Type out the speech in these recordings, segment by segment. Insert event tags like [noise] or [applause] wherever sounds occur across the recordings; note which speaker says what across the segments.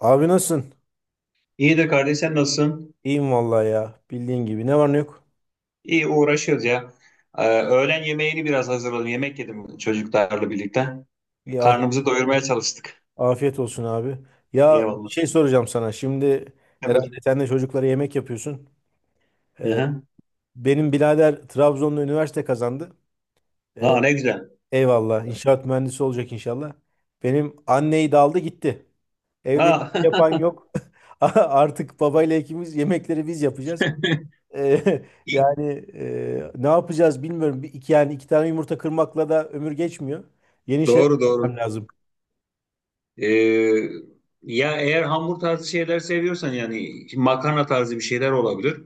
Speaker 1: Abi nasılsın?
Speaker 2: İyidir kardeş sen nasılsın?
Speaker 1: İyiyim vallahi ya. Bildiğin gibi. Ne var ne yok?
Speaker 2: İyi uğraşıyoruz ya. Öğlen yemeğini biraz hazırladım. Yemek yedim çocuklarla birlikte.
Speaker 1: İyi. af-
Speaker 2: Karnımızı doyurmaya çalıştık.
Speaker 1: afiyet olsun abi. Ya şey
Speaker 2: Eyvallah.
Speaker 1: soracağım sana. Şimdi
Speaker 2: Ha, buyur.
Speaker 1: herhalde sen de çocuklara yemek yapıyorsun. Ee,
Speaker 2: Aha.
Speaker 1: Benim birader Trabzon'da üniversite kazandı. Ee,
Speaker 2: Ha, ne güzel.
Speaker 1: Eyvallah. İnşaat mühendisi olacak inşallah. Benim anneyi de aldı gitti. Evde
Speaker 2: Ha.
Speaker 1: yemek yapan yok. [laughs] Artık babayla ikimiz yemekleri biz yapacağız. Eee,
Speaker 2: [laughs]
Speaker 1: [laughs]
Speaker 2: İyi.
Speaker 1: yani ne yapacağız bilmiyorum. Bir, iki, yani iki tane yumurta kırmakla da ömür geçmiyor. Yeni şeyler
Speaker 2: Doğru
Speaker 1: yapmam
Speaker 2: doğru.
Speaker 1: lazım.
Speaker 2: Ee, ya eğer hamur tarzı şeyler seviyorsan yani makarna tarzı bir şeyler olabilir.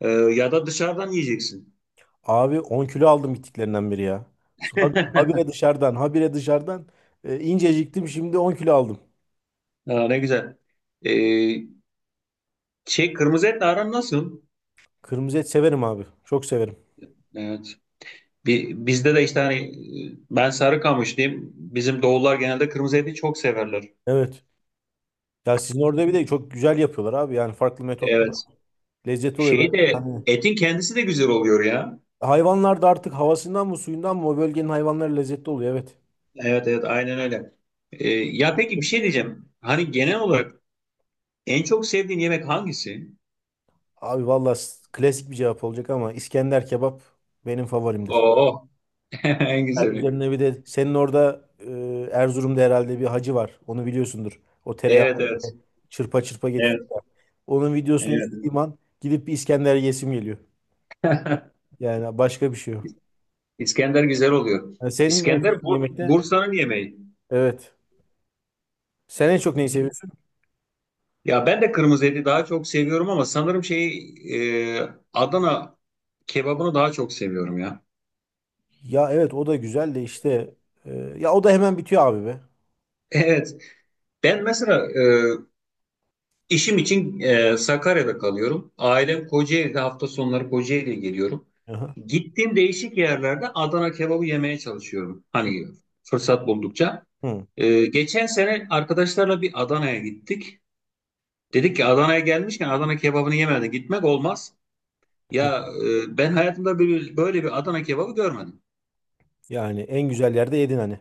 Speaker 2: Ya da dışarıdan yiyeceksin.
Speaker 1: Abi 10 kilo aldım gittiklerinden beri ya. Habire
Speaker 2: [laughs]
Speaker 1: dışarıdan, habire dışarıdan. İnceciktim şimdi 10 kilo aldım.
Speaker 2: Ha, ne güzel. Ee, şey kırmızı etle aran nasıl?
Speaker 1: Kırmızı et severim abi. Çok severim.
Speaker 2: Evet. Bizde de işte hani ben Sarıkamışlıyım. Bizim doğullar genelde kırmızı eti çok severler.
Speaker 1: Evet. Ya sizin orada bir de çok güzel yapıyorlar abi. Yani farklı metotlar,
Speaker 2: Evet.
Speaker 1: lezzetli oluyor böyle.
Speaker 2: Şey de
Speaker 1: Yani
Speaker 2: etin kendisi de güzel oluyor ya.
Speaker 1: hayvanlar da artık havasından mı suyundan mı, o bölgenin hayvanları lezzetli oluyor. Evet.
Speaker 2: Evet evet aynen öyle. Ya peki bir şey diyeceğim. Hani genel olarak en çok sevdiğin yemek hangisi?
Speaker 1: Abi valla klasik bir cevap olacak ama İskender kebap benim favorimdir.
Speaker 2: Oo. [laughs] En
Speaker 1: Yani
Speaker 2: güzeli.
Speaker 1: üzerine bir de senin orada Erzurum'da herhalde bir hacı var. Onu biliyorsundur. O tereyağı
Speaker 2: Evet evet.
Speaker 1: böyle çırpa çırpa getiriyor
Speaker 2: Evet
Speaker 1: ya. Onun videosunu
Speaker 2: evet.
Speaker 1: izlediğim an gidip bir İskender yesim geliyor. Yani başka bir şey yok.
Speaker 2: İskender güzel oluyor.
Speaker 1: Yani senin en sevdiğin
Speaker 2: İskender
Speaker 1: yemek ne?
Speaker 2: Bursa'nın yemeği.
Speaker 1: Evet. Sen en çok neyi seviyorsun?
Speaker 2: Ya ben de kırmızı eti daha çok seviyorum ama sanırım şey Adana kebabını daha çok seviyorum ya. [laughs]
Speaker 1: Ya evet, o da güzel de işte, e, ya o da hemen bitiyor abi be.
Speaker 2: Evet. Ben mesela işim için Sakarya'da kalıyorum. Ailem Kocaeli'de hafta sonları Kocaeli'ye geliyorum.
Speaker 1: Aha.
Speaker 2: Gittiğim değişik yerlerde Adana kebabı yemeye çalışıyorum. Hani fırsat buldukça.
Speaker 1: Hı.
Speaker 2: Geçen sene arkadaşlarla bir Adana'ya gittik. Dedik ki Adana'ya gelmişken Adana kebabını yemeden gitmek olmaz. Ya ben hayatımda böyle bir Adana kebabı görmedim.
Speaker 1: Yani en güzel yerde yedin hani.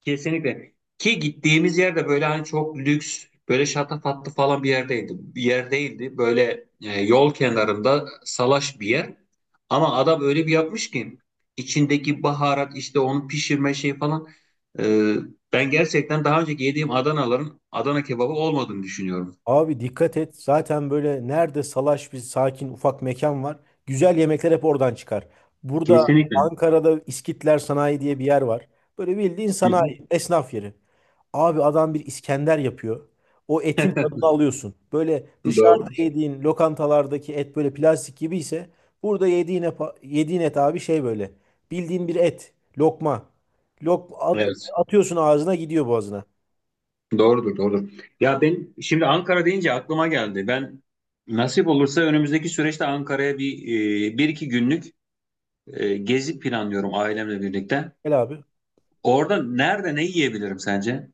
Speaker 2: Kesinlikle. Ki gittiğimiz yerde böyle hani çok lüks, böyle şatafatlı falan bir yerdeydi. Bir yer değildi. Böyle yol kenarında salaş bir yer. Ama adam öyle bir yapmış ki içindeki baharat işte onu pişirme şey falan. E, ben gerçekten daha önceki yediğim Adanaların Adana kebabı olmadığını düşünüyorum.
Speaker 1: Abi dikkat et. Zaten böyle nerede salaş bir sakin ufak mekan var, güzel yemekler hep oradan çıkar. Burada
Speaker 2: Kesinlikle.
Speaker 1: Ankara'da İskitler Sanayi diye bir yer var. Böyle bildiğin
Speaker 2: Hı hı.
Speaker 1: sanayi, esnaf yeri. Abi adam bir İskender yapıyor. O etin tadını alıyorsun. Böyle dışarıda
Speaker 2: Doğrudur.
Speaker 1: yediğin lokantalardaki et böyle plastik gibi ise, burada yediğin, yediğin et abi şey böyle. Bildiğin bir et. Lokma. Lok at-
Speaker 2: Evet.
Speaker 1: atıyorsun ağzına, gidiyor boğazına.
Speaker 2: Doğrudur, doğrudur. Ya ben şimdi Ankara deyince aklıma geldi. Ben nasip olursa önümüzdeki süreçte Ankara'ya bir bir iki günlük gezi planlıyorum ailemle birlikte.
Speaker 1: Gel abi.
Speaker 2: Orada nerede ne yiyebilirim sence?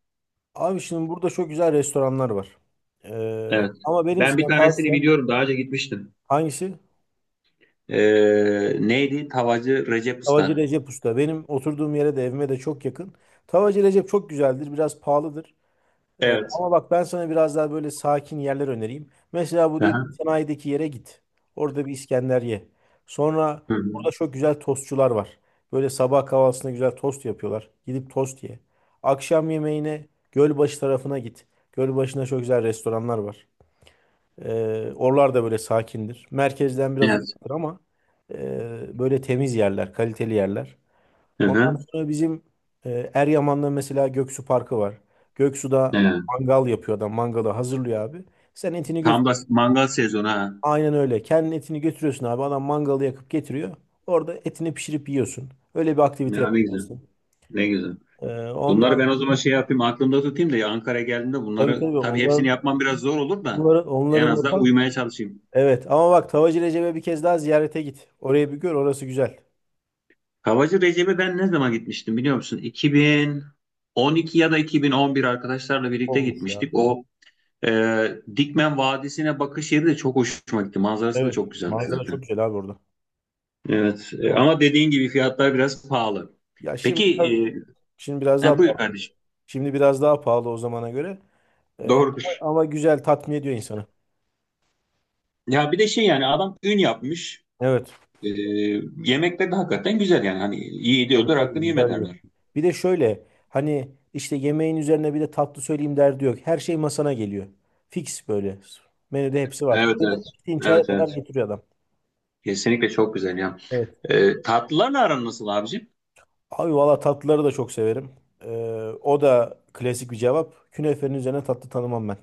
Speaker 1: Abi şimdi burada çok güzel restoranlar var.
Speaker 2: Evet.
Speaker 1: Ama benim
Speaker 2: Ben bir
Speaker 1: sana
Speaker 2: tanesini
Speaker 1: tavsiyem,
Speaker 2: biliyorum. Daha önce gitmiştim.
Speaker 1: hangisi?
Speaker 2: Neydi? Tavacı Recep
Speaker 1: Tavacı
Speaker 2: Usta.
Speaker 1: Recep Usta. Benim oturduğum yere de evime de çok yakın. Tavacı Recep çok güzeldir. Biraz pahalıdır.
Speaker 2: Evet.
Speaker 1: Ama bak, ben sana biraz daha böyle sakin yerler önereyim. Mesela bu değil,
Speaker 2: Aha.
Speaker 1: sanayideki yere git. Orada bir İskender ye. Sonra
Speaker 2: Hı
Speaker 1: burada
Speaker 2: hı.
Speaker 1: çok güzel tostçular var. Böyle sabah kahvaltısında güzel tost yapıyorlar. Gidip tost ye. Akşam yemeğine Gölbaşı tarafına git. Gölbaşı'nda çok güzel restoranlar var. Oralar da böyle sakindir. Merkezden biraz
Speaker 2: Evet.
Speaker 1: uzaktır ama böyle temiz yerler, kaliteli yerler.
Speaker 2: Hı
Speaker 1: Ondan
Speaker 2: hı.
Speaker 1: sonra bizim Eryaman'da mesela Göksu Parkı var. Göksu'da
Speaker 2: Evet.
Speaker 1: mangal yapıyor adam. Mangalı hazırlıyor abi. Sen etini götür.
Speaker 2: Tam da mangal sezonu ha.
Speaker 1: Aynen öyle. Kendin etini götürüyorsun abi. Adam mangalı yakıp getiriyor. Orada etini pişirip yiyorsun. Öyle bir aktivite
Speaker 2: Ya ne güzel.
Speaker 1: yapıyorsun.
Speaker 2: Ne güzel.
Speaker 1: Ee,
Speaker 2: Bunları
Speaker 1: Onlar
Speaker 2: ben o zaman şey yapayım aklımda tutayım da ya Ankara'ya geldiğimde
Speaker 1: tabii
Speaker 2: bunları
Speaker 1: tabii
Speaker 2: tabii hepsini
Speaker 1: onların
Speaker 2: yapmam biraz zor olur da
Speaker 1: onların
Speaker 2: en
Speaker 1: onların
Speaker 2: azından uymaya çalışayım.
Speaker 1: Evet, ama bak Tavacı Recep'e bir kez daha ziyarete git. Orayı bir gör, orası güzel.
Speaker 2: Havacı Recep'e ben ne zaman gitmiştim biliyor musun? 2012 ya da 2011 arkadaşlarla birlikte
Speaker 1: Olmuş ya.
Speaker 2: gitmiştik. O e, Dikmen Vadisi'ne bakış yeri de çok hoşuma gitti. Manzarası da
Speaker 1: Evet.
Speaker 2: çok güzeldi
Speaker 1: Manzara çok
Speaker 2: zaten.
Speaker 1: güzel abi orada.
Speaker 2: Evet ama dediğin gibi fiyatlar biraz pahalı.
Speaker 1: Ya şimdi
Speaker 2: Peki
Speaker 1: şimdi biraz daha
Speaker 2: ha, buyur
Speaker 1: pahalı.
Speaker 2: kardeşim.
Speaker 1: Şimdi biraz daha pahalı o zamana göre. Ee,
Speaker 2: Doğrudur.
Speaker 1: ama ama güzel, tatmin ediyor insanı.
Speaker 2: Ya bir de şey yani adam ün yapmış.
Speaker 1: Evet.
Speaker 2: E, yemekleri de hakikaten güzel yani. Hani iyi
Speaker 1: Tabii
Speaker 2: ediyordur
Speaker 1: tabii
Speaker 2: hakkını yeme
Speaker 1: güzel diyor.
Speaker 2: derler.
Speaker 1: Bir de şöyle hani işte, yemeğin üzerine bir de tatlı söyleyeyim derdi yok, her şey masana geliyor. Fix böyle. Menüde hepsi var.
Speaker 2: Evet
Speaker 1: Çayına,
Speaker 2: evet.
Speaker 1: içtiğin
Speaker 2: Evet
Speaker 1: çaya kadar
Speaker 2: evet.
Speaker 1: getiriyor adam.
Speaker 2: Kesinlikle çok güzel ya.
Speaker 1: Evet.
Speaker 2: Tatlılarla aran nasıl abicim?
Speaker 1: Abi valla tatlıları da çok severim. Ee, O da klasik bir cevap. Künefenin üzerine tatlı tanımam ben.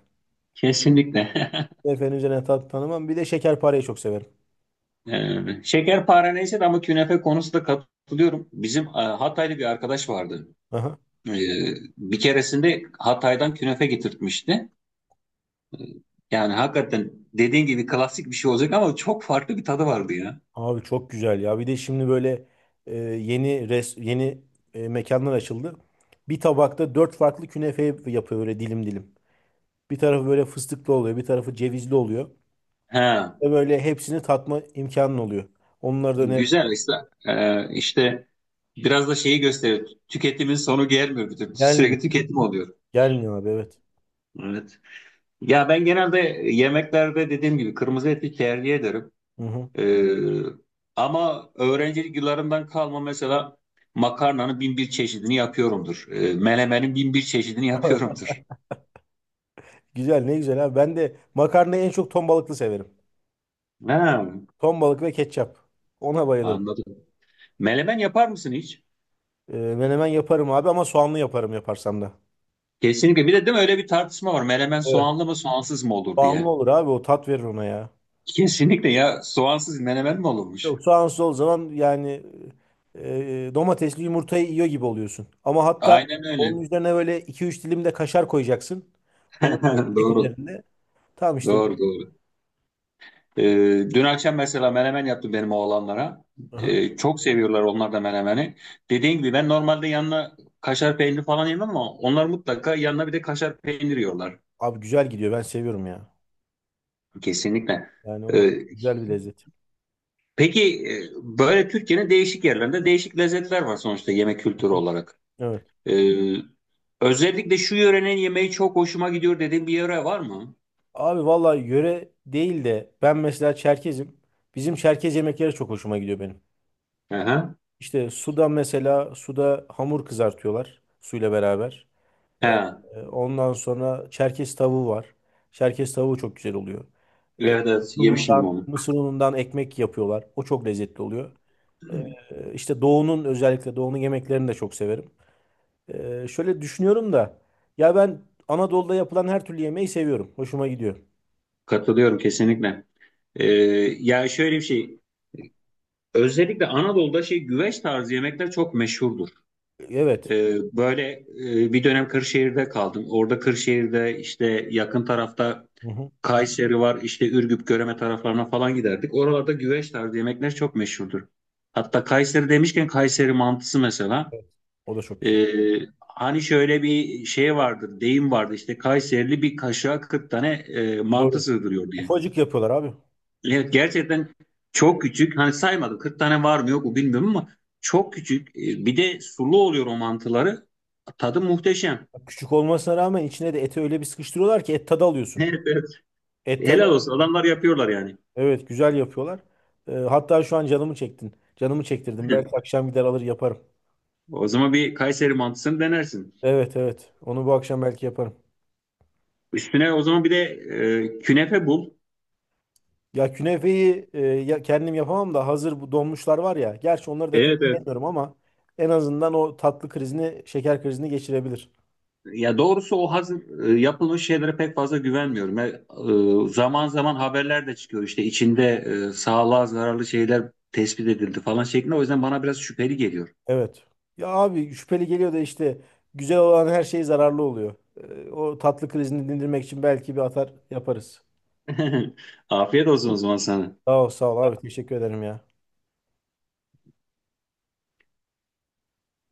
Speaker 2: Kesinlikle. [laughs]
Speaker 1: Künefenin üzerine tatlı tanımam. Bir de şekerpareyi çok severim.
Speaker 2: E, şekerpare neyse de ama künefe konusunda katılıyorum. Bizim Hataylı bir arkadaş vardı.
Speaker 1: Aha.
Speaker 2: E, bir keresinde Hatay'dan künefe getirtmişti. Yani hakikaten dediğin gibi klasik bir şey olacak ama çok farklı bir tadı vardı ya.
Speaker 1: Abi çok güzel ya. Bir de şimdi böyle, yeni mekanlar açıldı. Bir tabakta dört farklı künefe yapıyor böyle, dilim dilim. Bir tarafı böyle fıstıklı oluyor, bir tarafı cevizli oluyor.
Speaker 2: He.
Speaker 1: Ve böyle hepsini tatma imkanın oluyor. Onları da
Speaker 2: Güzel
Speaker 1: öneririm.
Speaker 2: işte. Biraz da şeyi gösteriyor. Tüketimin sonu gelmiyor bir türlü.
Speaker 1: Gelmiyor.
Speaker 2: Sürekli tüketim oluyor.
Speaker 1: Gelmiyor abi, evet.
Speaker 2: Evet. Ya ben genelde yemeklerde dediğim gibi kırmızı eti tercih ederim.
Speaker 1: Hı hı.
Speaker 2: Ee, ama öğrencilik yıllarımdan kalma mesela makarnanın bin bir çeşidini yapıyorumdur. Melemenin bin bir çeşidini yapıyorumdur.
Speaker 1: [laughs] Güzel, ne güzel abi. Ben de makarnayı en çok ton balıklı severim.
Speaker 2: Ha,
Speaker 1: Ton balık ve ketçap. Ona bayılırım.
Speaker 2: anladım. Melemen yapar mısın hiç?
Speaker 1: Menemen yaparım abi, ama soğanlı yaparım, yaparsam da.
Speaker 2: Kesinlikle. Bir de değil mi öyle bir tartışma var. Melemen
Speaker 1: Evet.
Speaker 2: soğanlı mı soğansız mı olur
Speaker 1: Soğanlı
Speaker 2: diye.
Speaker 1: olur abi, o tat verir ona ya.
Speaker 2: Kesinlikle ya soğansız menemen mi olurmuş?
Speaker 1: Yok, sağın sol zaman yani, e, domatesli yumurtayı yiyor gibi oluyorsun. Ama hatta
Speaker 2: Aynen
Speaker 1: onun
Speaker 2: öyle.
Speaker 1: üzerine böyle 2-3 dilim de kaşar koyacaksın. O böyle
Speaker 2: [laughs]
Speaker 1: ekmek
Speaker 2: Doğru.
Speaker 1: üzerinde. Tamam işte.
Speaker 2: Doğru doğru. Ee, dün akşam mesela menemen yaptım benim oğlanlara.
Speaker 1: Aha.
Speaker 2: Çok seviyorlar onlar da menemeni. Dediğim gibi ben normalde yanına kaşar peyniri falan yemem ama onlar mutlaka yanına bir de kaşar peynir yiyorlar.
Speaker 1: Abi güzel gidiyor, ben seviyorum ya.
Speaker 2: Kesinlikle.
Speaker 1: Yani o
Speaker 2: Ee,
Speaker 1: güzel bir lezzet.
Speaker 2: peki e, böyle Türkiye'nin değişik yerlerinde değişik lezzetler var sonuçta yemek kültürü olarak.
Speaker 1: Evet.
Speaker 2: Ee, özellikle şu yörenin yemeği çok hoşuma gidiyor dediğin bir yere var mı?
Speaker 1: Abi vallahi yöre değil de, ben mesela Çerkezim. Bizim Çerkez yemekleri çok hoşuma gidiyor benim.
Speaker 2: Aha.
Speaker 1: İşte suda mesela, suda hamur kızartıyorlar suyla beraber. E,
Speaker 2: He.
Speaker 1: Ondan sonra Çerkez tavuğu var. Çerkez tavuğu çok güzel oluyor. E,
Speaker 2: Evet, evet. Yemişim onu.
Speaker 1: mısır unundan ekmek yapıyorlar. O çok lezzetli oluyor. İşte doğunun, özellikle doğunun yemeklerini de çok severim. Şöyle düşünüyorum da, ya ben Anadolu'da yapılan her türlü yemeği seviyorum. Hoşuma gidiyor.
Speaker 2: Katılıyorum kesinlikle. Ee, ya şöyle bir şey, özellikle Anadolu'da şey güveç tarzı yemekler çok meşhurdur.
Speaker 1: Evet.
Speaker 2: Böyle bir dönem Kırşehir'de kaldım. Orada Kırşehir'de işte yakın tarafta
Speaker 1: Hı hı.
Speaker 2: Kayseri var, işte Ürgüp, Göreme taraflarına falan giderdik. Oralarda güveç tarzı yemekler çok meşhurdur. Hatta Kayseri demişken Kayseri mantısı mesela.
Speaker 1: Evet. O da çok güzel.
Speaker 2: Ee, hani şöyle bir şey vardır, deyim vardı işte Kayserili bir kaşığa 40 tane mantı
Speaker 1: Doğru.
Speaker 2: sığdırıyor diye.
Speaker 1: Ufacık yapıyorlar abi.
Speaker 2: Evet gerçekten çok küçük. Hani saymadım 40 tane var mı yok mu bilmiyorum ama çok küçük. Bir de sulu oluyor o mantıları. Tadı muhteşem. [laughs]
Speaker 1: Küçük olmasına rağmen içine de eti öyle bir sıkıştırıyorlar ki et tadı alıyorsun.
Speaker 2: Evet, evet.
Speaker 1: Et tadı
Speaker 2: Helal olsun. Adamlar yapıyorlar yani.
Speaker 1: Evet, güzel yapıyorlar. Hatta şu an canımı çektin. Canımı çektirdin. Belki
Speaker 2: [laughs]
Speaker 1: akşam gider alır yaparım.
Speaker 2: O zaman bir Kayseri mantısını denersin.
Speaker 1: Evet evet. Onu bu akşam belki yaparım.
Speaker 2: Üstüne o zaman bir de künefe bul.
Speaker 1: Ya künefeyi, ya kendim yapamam da hazır bu donmuşlar var ya. Gerçi onları da pek
Speaker 2: Evet, evet.
Speaker 1: sevmiyorum, ama en azından o tatlı krizini, şeker krizini geçirebilir.
Speaker 2: Ya doğrusu o hazır yapılmış şeylere pek fazla güvenmiyorum. Zaman zaman haberler de çıkıyor işte içinde sağlığa zararlı şeyler tespit edildi falan şeklinde. O yüzden bana biraz şüpheli geliyor.
Speaker 1: Evet. Ya abi şüpheli geliyor da işte, güzel olan her şey zararlı oluyor. O tatlı krizini dindirmek için belki bir atar yaparız.
Speaker 2: [laughs] Afiyet olsun o zaman sana.
Speaker 1: Sağ ol sağ ol abi, teşekkür ederim ya.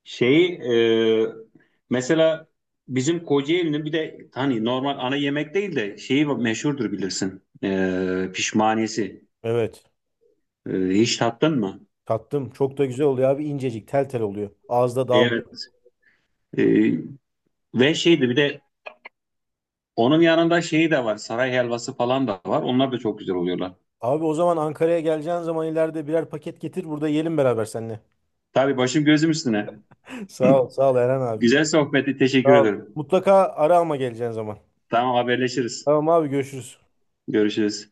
Speaker 2: Şeyi mesela bizim Kocaeli'nin bir de hani normal ana yemek değil de şeyi meşhurdur bilirsin. E, pişmaniyesi.
Speaker 1: Evet.
Speaker 2: Hiç tattın mı?
Speaker 1: Tattım. Çok da güzel oluyor abi. İncecik, tel tel oluyor. Ağızda
Speaker 2: Evet.
Speaker 1: dağılıyor.
Speaker 2: E, ve şeydi bir de onun yanında şeyi de var. Saray helvası falan da var. Onlar da çok güzel oluyorlar.
Speaker 1: Abi o zaman Ankara'ya geleceğin zaman ileride birer paket getir. Burada yiyelim beraber seninle.
Speaker 2: Tabii başım gözüm üstüne.
Speaker 1: [laughs] Sağ ol. Sağ ol Eren abi.
Speaker 2: Güzel sohbeti.
Speaker 1: Sağ
Speaker 2: Teşekkür
Speaker 1: ol.
Speaker 2: ederim.
Speaker 1: Mutlaka ara ama, geleceğin zaman.
Speaker 2: Tamam haberleşiriz.
Speaker 1: Tamam abi görüşürüz.
Speaker 2: Görüşürüz.